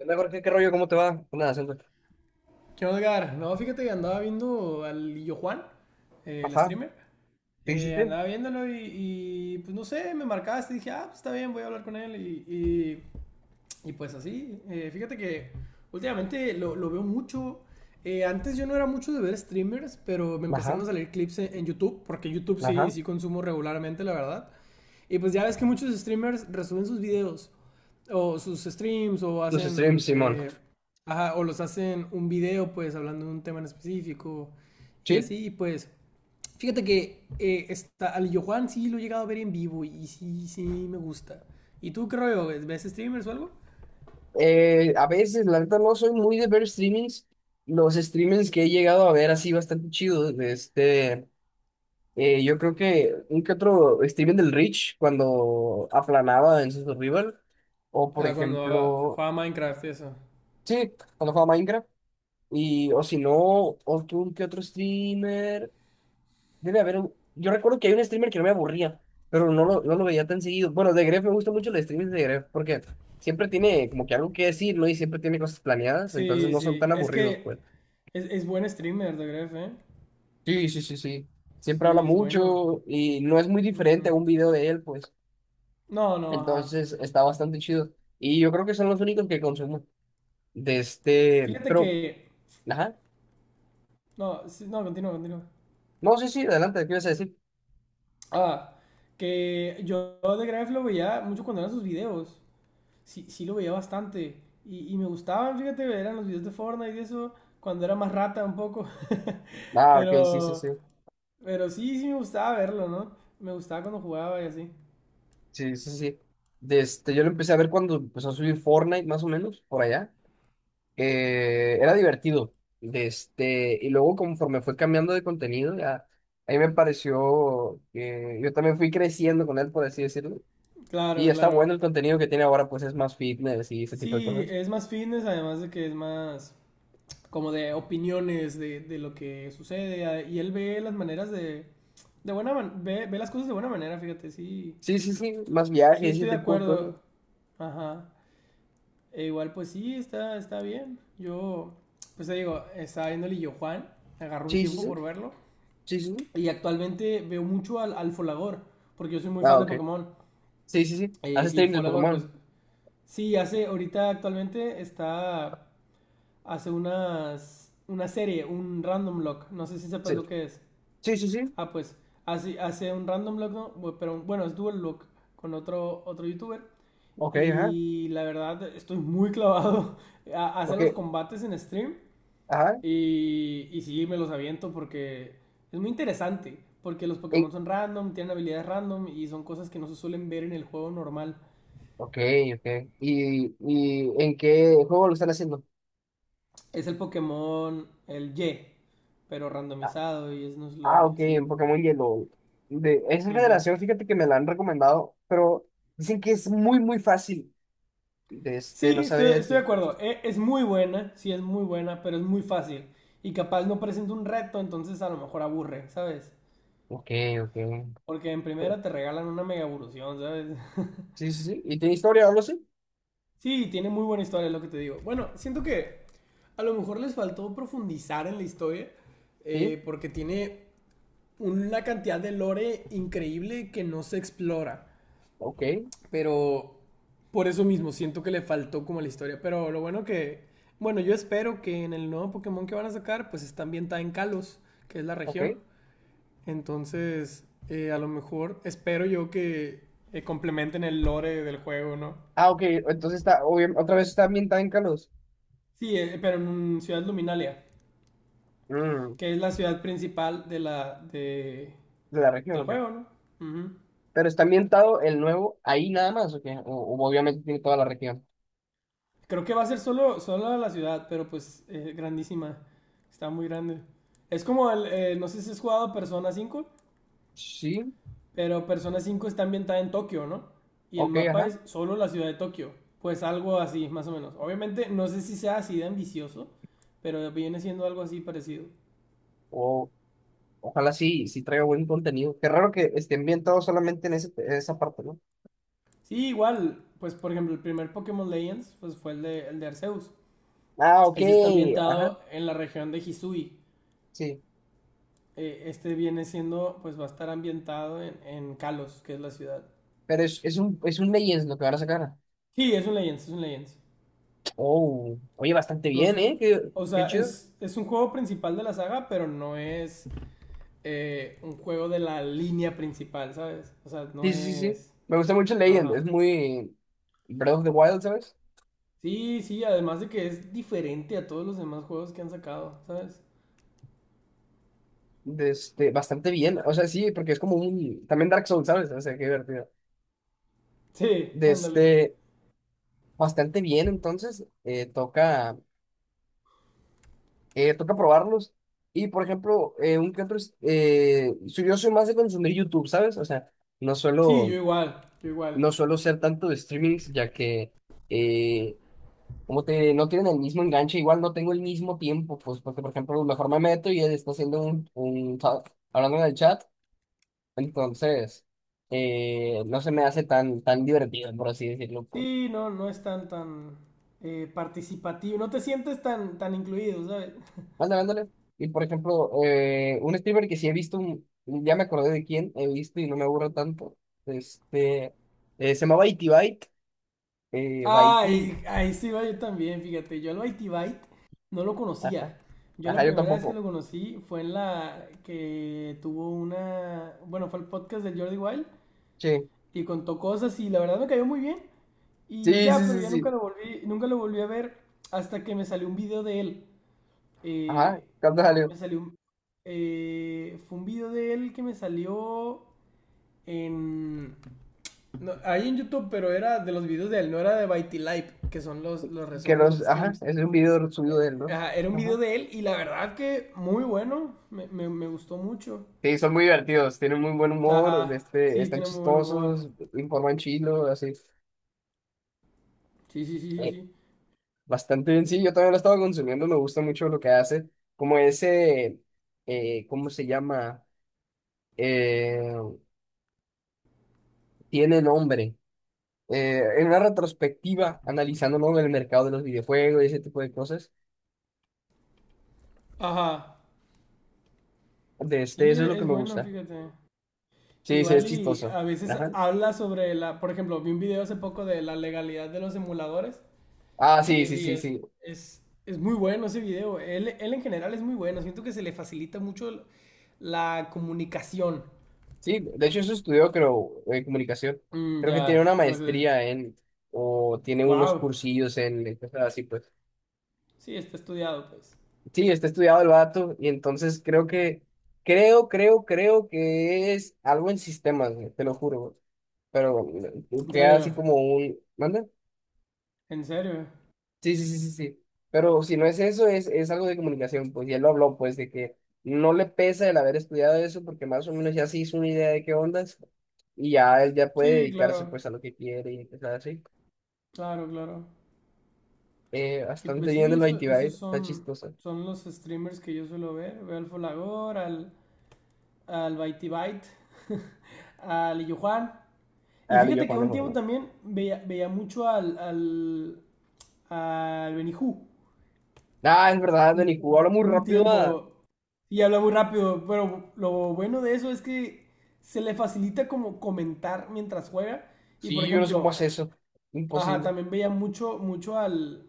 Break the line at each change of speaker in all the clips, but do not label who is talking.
Hola, Jorge, ¿qué rollo? ¿Cómo te va? Nada, siento-
¿Qué onda, Edgar? No, fíjate que andaba viendo al Lillo Juan, el
Ajá,
streamer.
sí, sí, sí.
Andaba viéndolo y, pues no sé, me marcaste y dije, ah, pues está bien, voy a hablar con él. y y pues así, fíjate que últimamente lo veo mucho. Antes yo no era mucho de ver streamers, pero me
Ajá,
empezaron a salir clips en YouTube, porque YouTube
ajá.
sí consumo regularmente, la verdad. Y pues ya ves que muchos streamers resuben sus videos, o sus streams, o
Los streams,
hacen,
Simón.
ajá, o los hacen un video, pues hablando de un tema en específico, y
Sí,
así, y pues. Fíjate que está, al Yohan sí lo he llegado a ver en vivo y sí me gusta. ¿Y tú qué rollo? ¿Ves streamers o algo?
a veces, la neta, no soy muy de ver streamings. Los streamings que he llegado a ver así bastante chidos, yo creo que un que otro streaming del Rich cuando aplanaba en su Survival, o por
Ah, cuando
ejemplo,
jugaba Minecraft, eso.
sí, cuando jugaba Minecraft, y o si no, otro un que otro streamer. Debe haber un Yo recuerdo que hay un streamer que no me aburría, pero no lo veía tan seguido. Bueno, de Gref me gustan mucho los streamers de Gref porque siempre tiene como que algo que decir, ¿no? Y siempre tiene cosas planeadas, entonces
Sí,
no son
sí.
tan
Es
aburridos,
que
pues.
es buen streamer de Gref, ¿eh?
Sí, sí, sí, sí. Siempre habla
Sí, es bueno.
mucho y no es muy diferente
Ujú.
a un video de él, pues.
No, no, ajá.
Entonces está bastante chido. Y yo creo que son los únicos que consumo de este...
Fíjate
Pero,
que.
ajá.
No, sí, no, continúa.
No, sí, sí, adelante, ¿qué ibas a decir?
Ah, que yo de Gref lo veía mucho cuando eran sus videos. Sí, sí lo veía bastante. Y me gustaban, fíjate, eran los videos de Fortnite y eso, cuando era más rata un poco.
Ah, ok, sí, sí,
Pero,
sí.
pero sí me gustaba verlo, ¿no? Me gustaba cuando jugaba y así.
Sí, sí, sí. De este, yo lo empecé a ver cuando empezó a subir Fortnite, más o menos, por allá. Era divertido. De este, y luego conforme fue cambiando de contenido, ya, a mí me pareció que yo también fui creciendo con él, por así decirlo. Y
Claro,
está bueno
claro.
el contenido que tiene ahora, pues es más fitness y ese tipo de
Sí,
cosas.
es más fitness, además de que es más como de opiniones de lo que sucede. Y él ve las maneras de. De ve las cosas de buena manera, fíjate, sí.
Sí, sí, sí, más viajes
Sí,
y ese
estoy de
tipo de cosas.
acuerdo. Ajá. E igual, pues sí, está bien. Yo, pues te digo, estaba viendo el Illo Juan, agarró un
Sí, sí, sí,
tiempo por verlo.
sí, sí, sí.
Y actualmente veo mucho al Folagor, porque yo soy muy
Ah,
fan de
ok.
Pokémon.
Sí, sí, sí. Hace
Y
streams de
Folagor, pues
Pokémon.
sí, hace, ahorita actualmente está hace una serie, un random lock. No sé si sepas
Sí,
lo que es.
sí, sí, sí.
Ah, pues hace un random lock, ¿no? Pero bueno, es dual lock con otro youtuber.
Ok, ajá.
Y la verdad, estoy muy clavado. Hace
Ok,
los combates en stream.
ajá.
Y sí, me los aviento porque es muy interesante. Porque los Pokémon
Y-
son random, tienen habilidades random y son cosas que no se suelen ver en el juego normal.
ok, ok. Y en qué juego lo están haciendo?
Es el Pokémon, el Y, pero randomizado y es
Ah,
Nuzlocke y
ok,
así.
en Pokémon Yellow. De esa
Ujú.
generación, fíjate que me la han recomendado, pero dicen que es muy, muy fácil. De este,
Sí,
no sabría
estoy de
decirte.
acuerdo. Es muy buena, sí es muy buena, pero es muy fácil. Y capaz no presenta un reto, entonces a lo mejor aburre, ¿sabes?
Ok, ok.
Porque en
Pero,
primera te regalan una mega evolución, ¿sabes?
sí, sí, sí. ¿Y tiene historia o algo así?
Sí, tiene muy buena historia, es lo que te digo. Bueno, siento que a lo mejor les faltó profundizar en la historia,
Sí.
porque tiene una cantidad de lore increíble que no se explora.
Ok,
Pero por eso mismo siento que le faltó como la historia. Pero lo bueno que, bueno, yo espero que en el nuevo Pokémon que van a sacar, pues está ambientada en Kalos, que es la
ok.
región. Entonces, a lo mejor espero yo que complementen el lore del juego, ¿no?
Ah, ok. Entonces está, otra vez está ambientada en Kalos.
Sí, pero en Ciudad Luminalia,
Mm,
que es la ciudad principal de la,
de la región,
del
ok.
juego, ¿no? Ujú.
Pero está ambientado el nuevo ahí nada más, ok. O obviamente tiene toda la región.
Creo que va a ser solo la ciudad, pero pues grandísima. Está muy grande. Es como el, no sé si has jugado Persona 5,
Sí,
pero Persona 5 está ambientada en Tokio, ¿no? Y el
ok,
mapa
ajá.
es solo la ciudad de Tokio. Pues algo así, más o menos. Obviamente, no sé si sea así de ambicioso, pero viene siendo algo así parecido.
Ojalá sí, sí traiga buen contenido. Qué raro que esté ambientado solamente en, en esa parte, ¿no?
Sí, igual, pues por ejemplo, el primer Pokémon Legends pues, fue el el de Arceus.
Ah, ok.
Ese está
Ajá,
ambientado en la región de Hisui.
sí.
Este viene siendo, pues va a estar ambientado en Kalos, que es la ciudad.
Pero es un Legends lo que van a sacar.
Sí, es un Legends, es un Legends.
Oh, oye, bastante
No es
bien, ¿eh?
un.
Qué,
O
qué
sea,
chido.
es un juego principal de la saga, pero no es un juego de la línea principal, ¿sabes? O sea, no
Sí, sí, sí, sí.
es.
Me gusta mucho Legends.
Ajá.
Es muy Breath of the Wild, ¿sabes?
Sí, sí, además de que es diferente a todos los demás juegos que han sacado, ¿sabes?
De este, bastante bien. O sea, sí, porque es como un... También Dark Souls, ¿sabes? O sea, qué divertido.
Sí,
De
ándale.
este, bastante bien, entonces. Toca... Toca probarlos. Y por ejemplo, un que otro, yo soy más de consumir YouTube, ¿sabes? O sea, no
Sí, yo
suelo,
igual, yo
no
igual.
suelo ser tanto de streamings, ya que eh, como te, no tienen el mismo enganche, igual no tengo el mismo tiempo, pues porque por ejemplo, mejor me meto y él está haciendo hablando en el chat, entonces no se me hace tan, tan divertido, por así decirlo, pues.
Sí, no, no es tan participativo, no te sientes tan incluido, ¿sabes?
Ándale, ándale. Y por ejemplo, un streamer que sí he visto, ya me acordé de quién he visto y no me aburro tanto. Este, Se llama Baiti Byte. Baiti.
Ay, ahí sí va yo también, fíjate. Yo al Bitey Byte no lo
Ajá.
conocía. Yo la
Ajá, yo
primera vez que
tampoco.
lo conocí fue en la que tuvo una. Bueno, fue el podcast del Jordi Wild
Sí.
y contó cosas y la verdad me cayó muy bien. Y
Sí,
ya,
sí,
pero
sí,
ya
sí.
nunca lo volví a ver hasta que me salió un video de él.
Ajá,
Eh,
cuando salió.
me salió fue un video de él que me salió en. No, ahí en YouTube, pero era de los videos de él, no era de Bitey Live, que son los
Que
resúmenes de
los,
los
ajá,
streams.
es un video subido de él, ¿no?
Ajá, era un video
Ajá.
de él y la verdad que muy bueno, me gustó mucho.
Sí, son muy divertidos, tienen muy buen humor,
Ajá,
este,
sí,
están
tiene muy buen humor.
chistosos, informan chilo, así.
Sí, sí, sí, sí, sí.
Bastante bien, sí, yo también lo estaba consumiendo, me gusta mucho lo que hace, como ese, ¿cómo se llama? Eh, Tiene nombre. En una retrospectiva, analizando ¿no? el mercado de los videojuegos y ese tipo de cosas,
Ajá,
de este,
sí,
eso es lo que
es
me
bueno,
gusta.
fíjate.
Sí, sí, es
Igual y
chistoso.
a veces
Ajá.
habla sobre la, por ejemplo, vi un video hace poco de la legalidad de los emuladores
Ah,
y,
sí, sí,
y
sí, sí.
es muy bueno ese video. Él en general es muy bueno, siento que se le facilita mucho la comunicación.
Sí, de hecho eso estudió, creo, comunicación.
Mm,
Creo que tiene
ya,
una
entonces,
maestría en, o tiene unos
wow.
cursillos en, cosas así, pues.
Sí, está estudiado, pues.
Sí, está estudiado el vato y entonces creo que, creo que es algo en sistemas, güey, te lo juro, güey. Pero
En
queda así
serio,
como un... ¿Manda?
en serio.
Sí, sí, sí, sí, sí. Pero si no es eso, es algo de comunicación, pues, y él lo habló, pues, de que no le pesa el haber estudiado eso porque más o menos ya se hizo una idea de qué ondas y ya él ya puede
Sí,
dedicarse,
claro,
pues, a lo que quiere y empezar así.
claro, claro. Y
Bastante
pues
bien de
sí,
lo de Itibai, está chistoso.
son los streamers que yo suelo ver. Veo al Folagor, al Bytey Byte, al Illujuan. Y
Ah, yo,
fíjate que
Juan de
un tiempo
Forma.
también veía mucho al Benihú.
Ah, es verdad, Dani, jugó, habla muy
Un
rápido, ah.
tiempo y habla muy rápido, pero lo bueno de eso es que se le facilita como comentar mientras juega. Y por
Sí, yo no sé cómo
ejemplo,
hace eso.
ajá,
Imposible.
también veía mucho al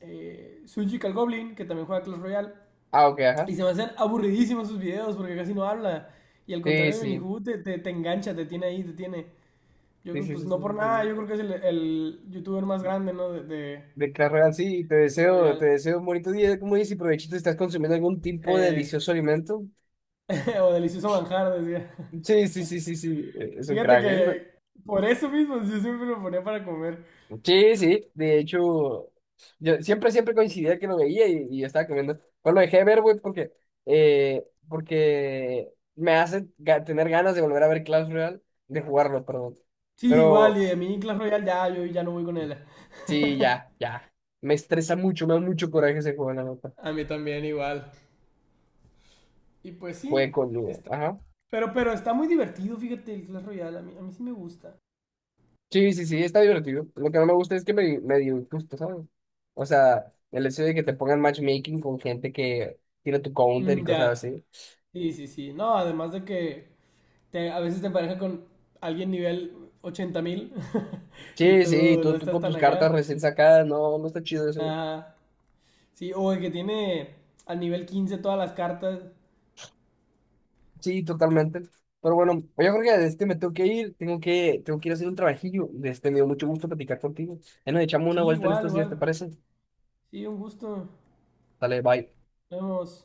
Sujical Goblin, que también juega Clash Royale.
Ah, ok,
Y
ajá.
se me hacen aburridísimos sus videos porque casi no habla. Y al
Sí,
contrario de
sí.
Benihu, te engancha, te tiene ahí, te tiene. Yo
Sí,
creo,
sí,
pues
sí,
no por
sí,
nada,
sí,
yo creo que es el youtuber más
sí.
grande, ¿no?
De Clash Royale, sí,
De Clash
te
Royale.
deseo un bonito día. ¿Como dices? Y provechito, estás consumiendo algún tipo de
Eh,
delicioso alimento.
o delicioso manjar, decía.
Sí, sí, sí, sí, sí. Es un
Fíjate
crack, ¿eh?
que por eso mismo yo siempre lo ponía para comer.
Sí, sí. De hecho, yo siempre, siempre coincidía que lo veía y estaba comiendo. Pues lo dejé de ver, güey, porque, porque me hace tener ganas de volver a ver Clash Royale, de jugarlo, perdón.
Sí, igual,
Pero
y de mí Clash Royale ya, yo ya no voy con él.
sí, ya, ya. Me estresa mucho, me da mucho coraje ese juego, la nota.
A mí también igual. Y pues sí,
Buen coludo.
está.
Ajá.
Pero está muy divertido, fíjate, el Clash Royale. A mí sí me gusta.
Sí, sí, sí, está divertido. Lo que no me gusta es que me dio injusto, ¿sabes? O sea, el hecho de que te pongan matchmaking con gente que tiene tu counter y
Mm,
cosas
ya.
así.
Sí, sí, sí. No, además de que a veces te empareja con alguien nivel 80.000 y
Sí, sí,
tú no
tú
estás
con
tan
tus cartas
acá.
recién sacadas, no, no está chido eso.
Ajá. Sí, o el que tiene al nivel 15 todas las cartas.
Sí, totalmente. Pero bueno, oye, Jorge, este me tengo que ir, tengo que ir a hacer un trabajillo. Este, me dio mucho gusto platicar contigo. Ahí nos echamos una
Sí,
vuelta en
igual,
estos días, ¿te
igual.
parece?
Sí, un gusto.
Dale, bye.
Nos vemos.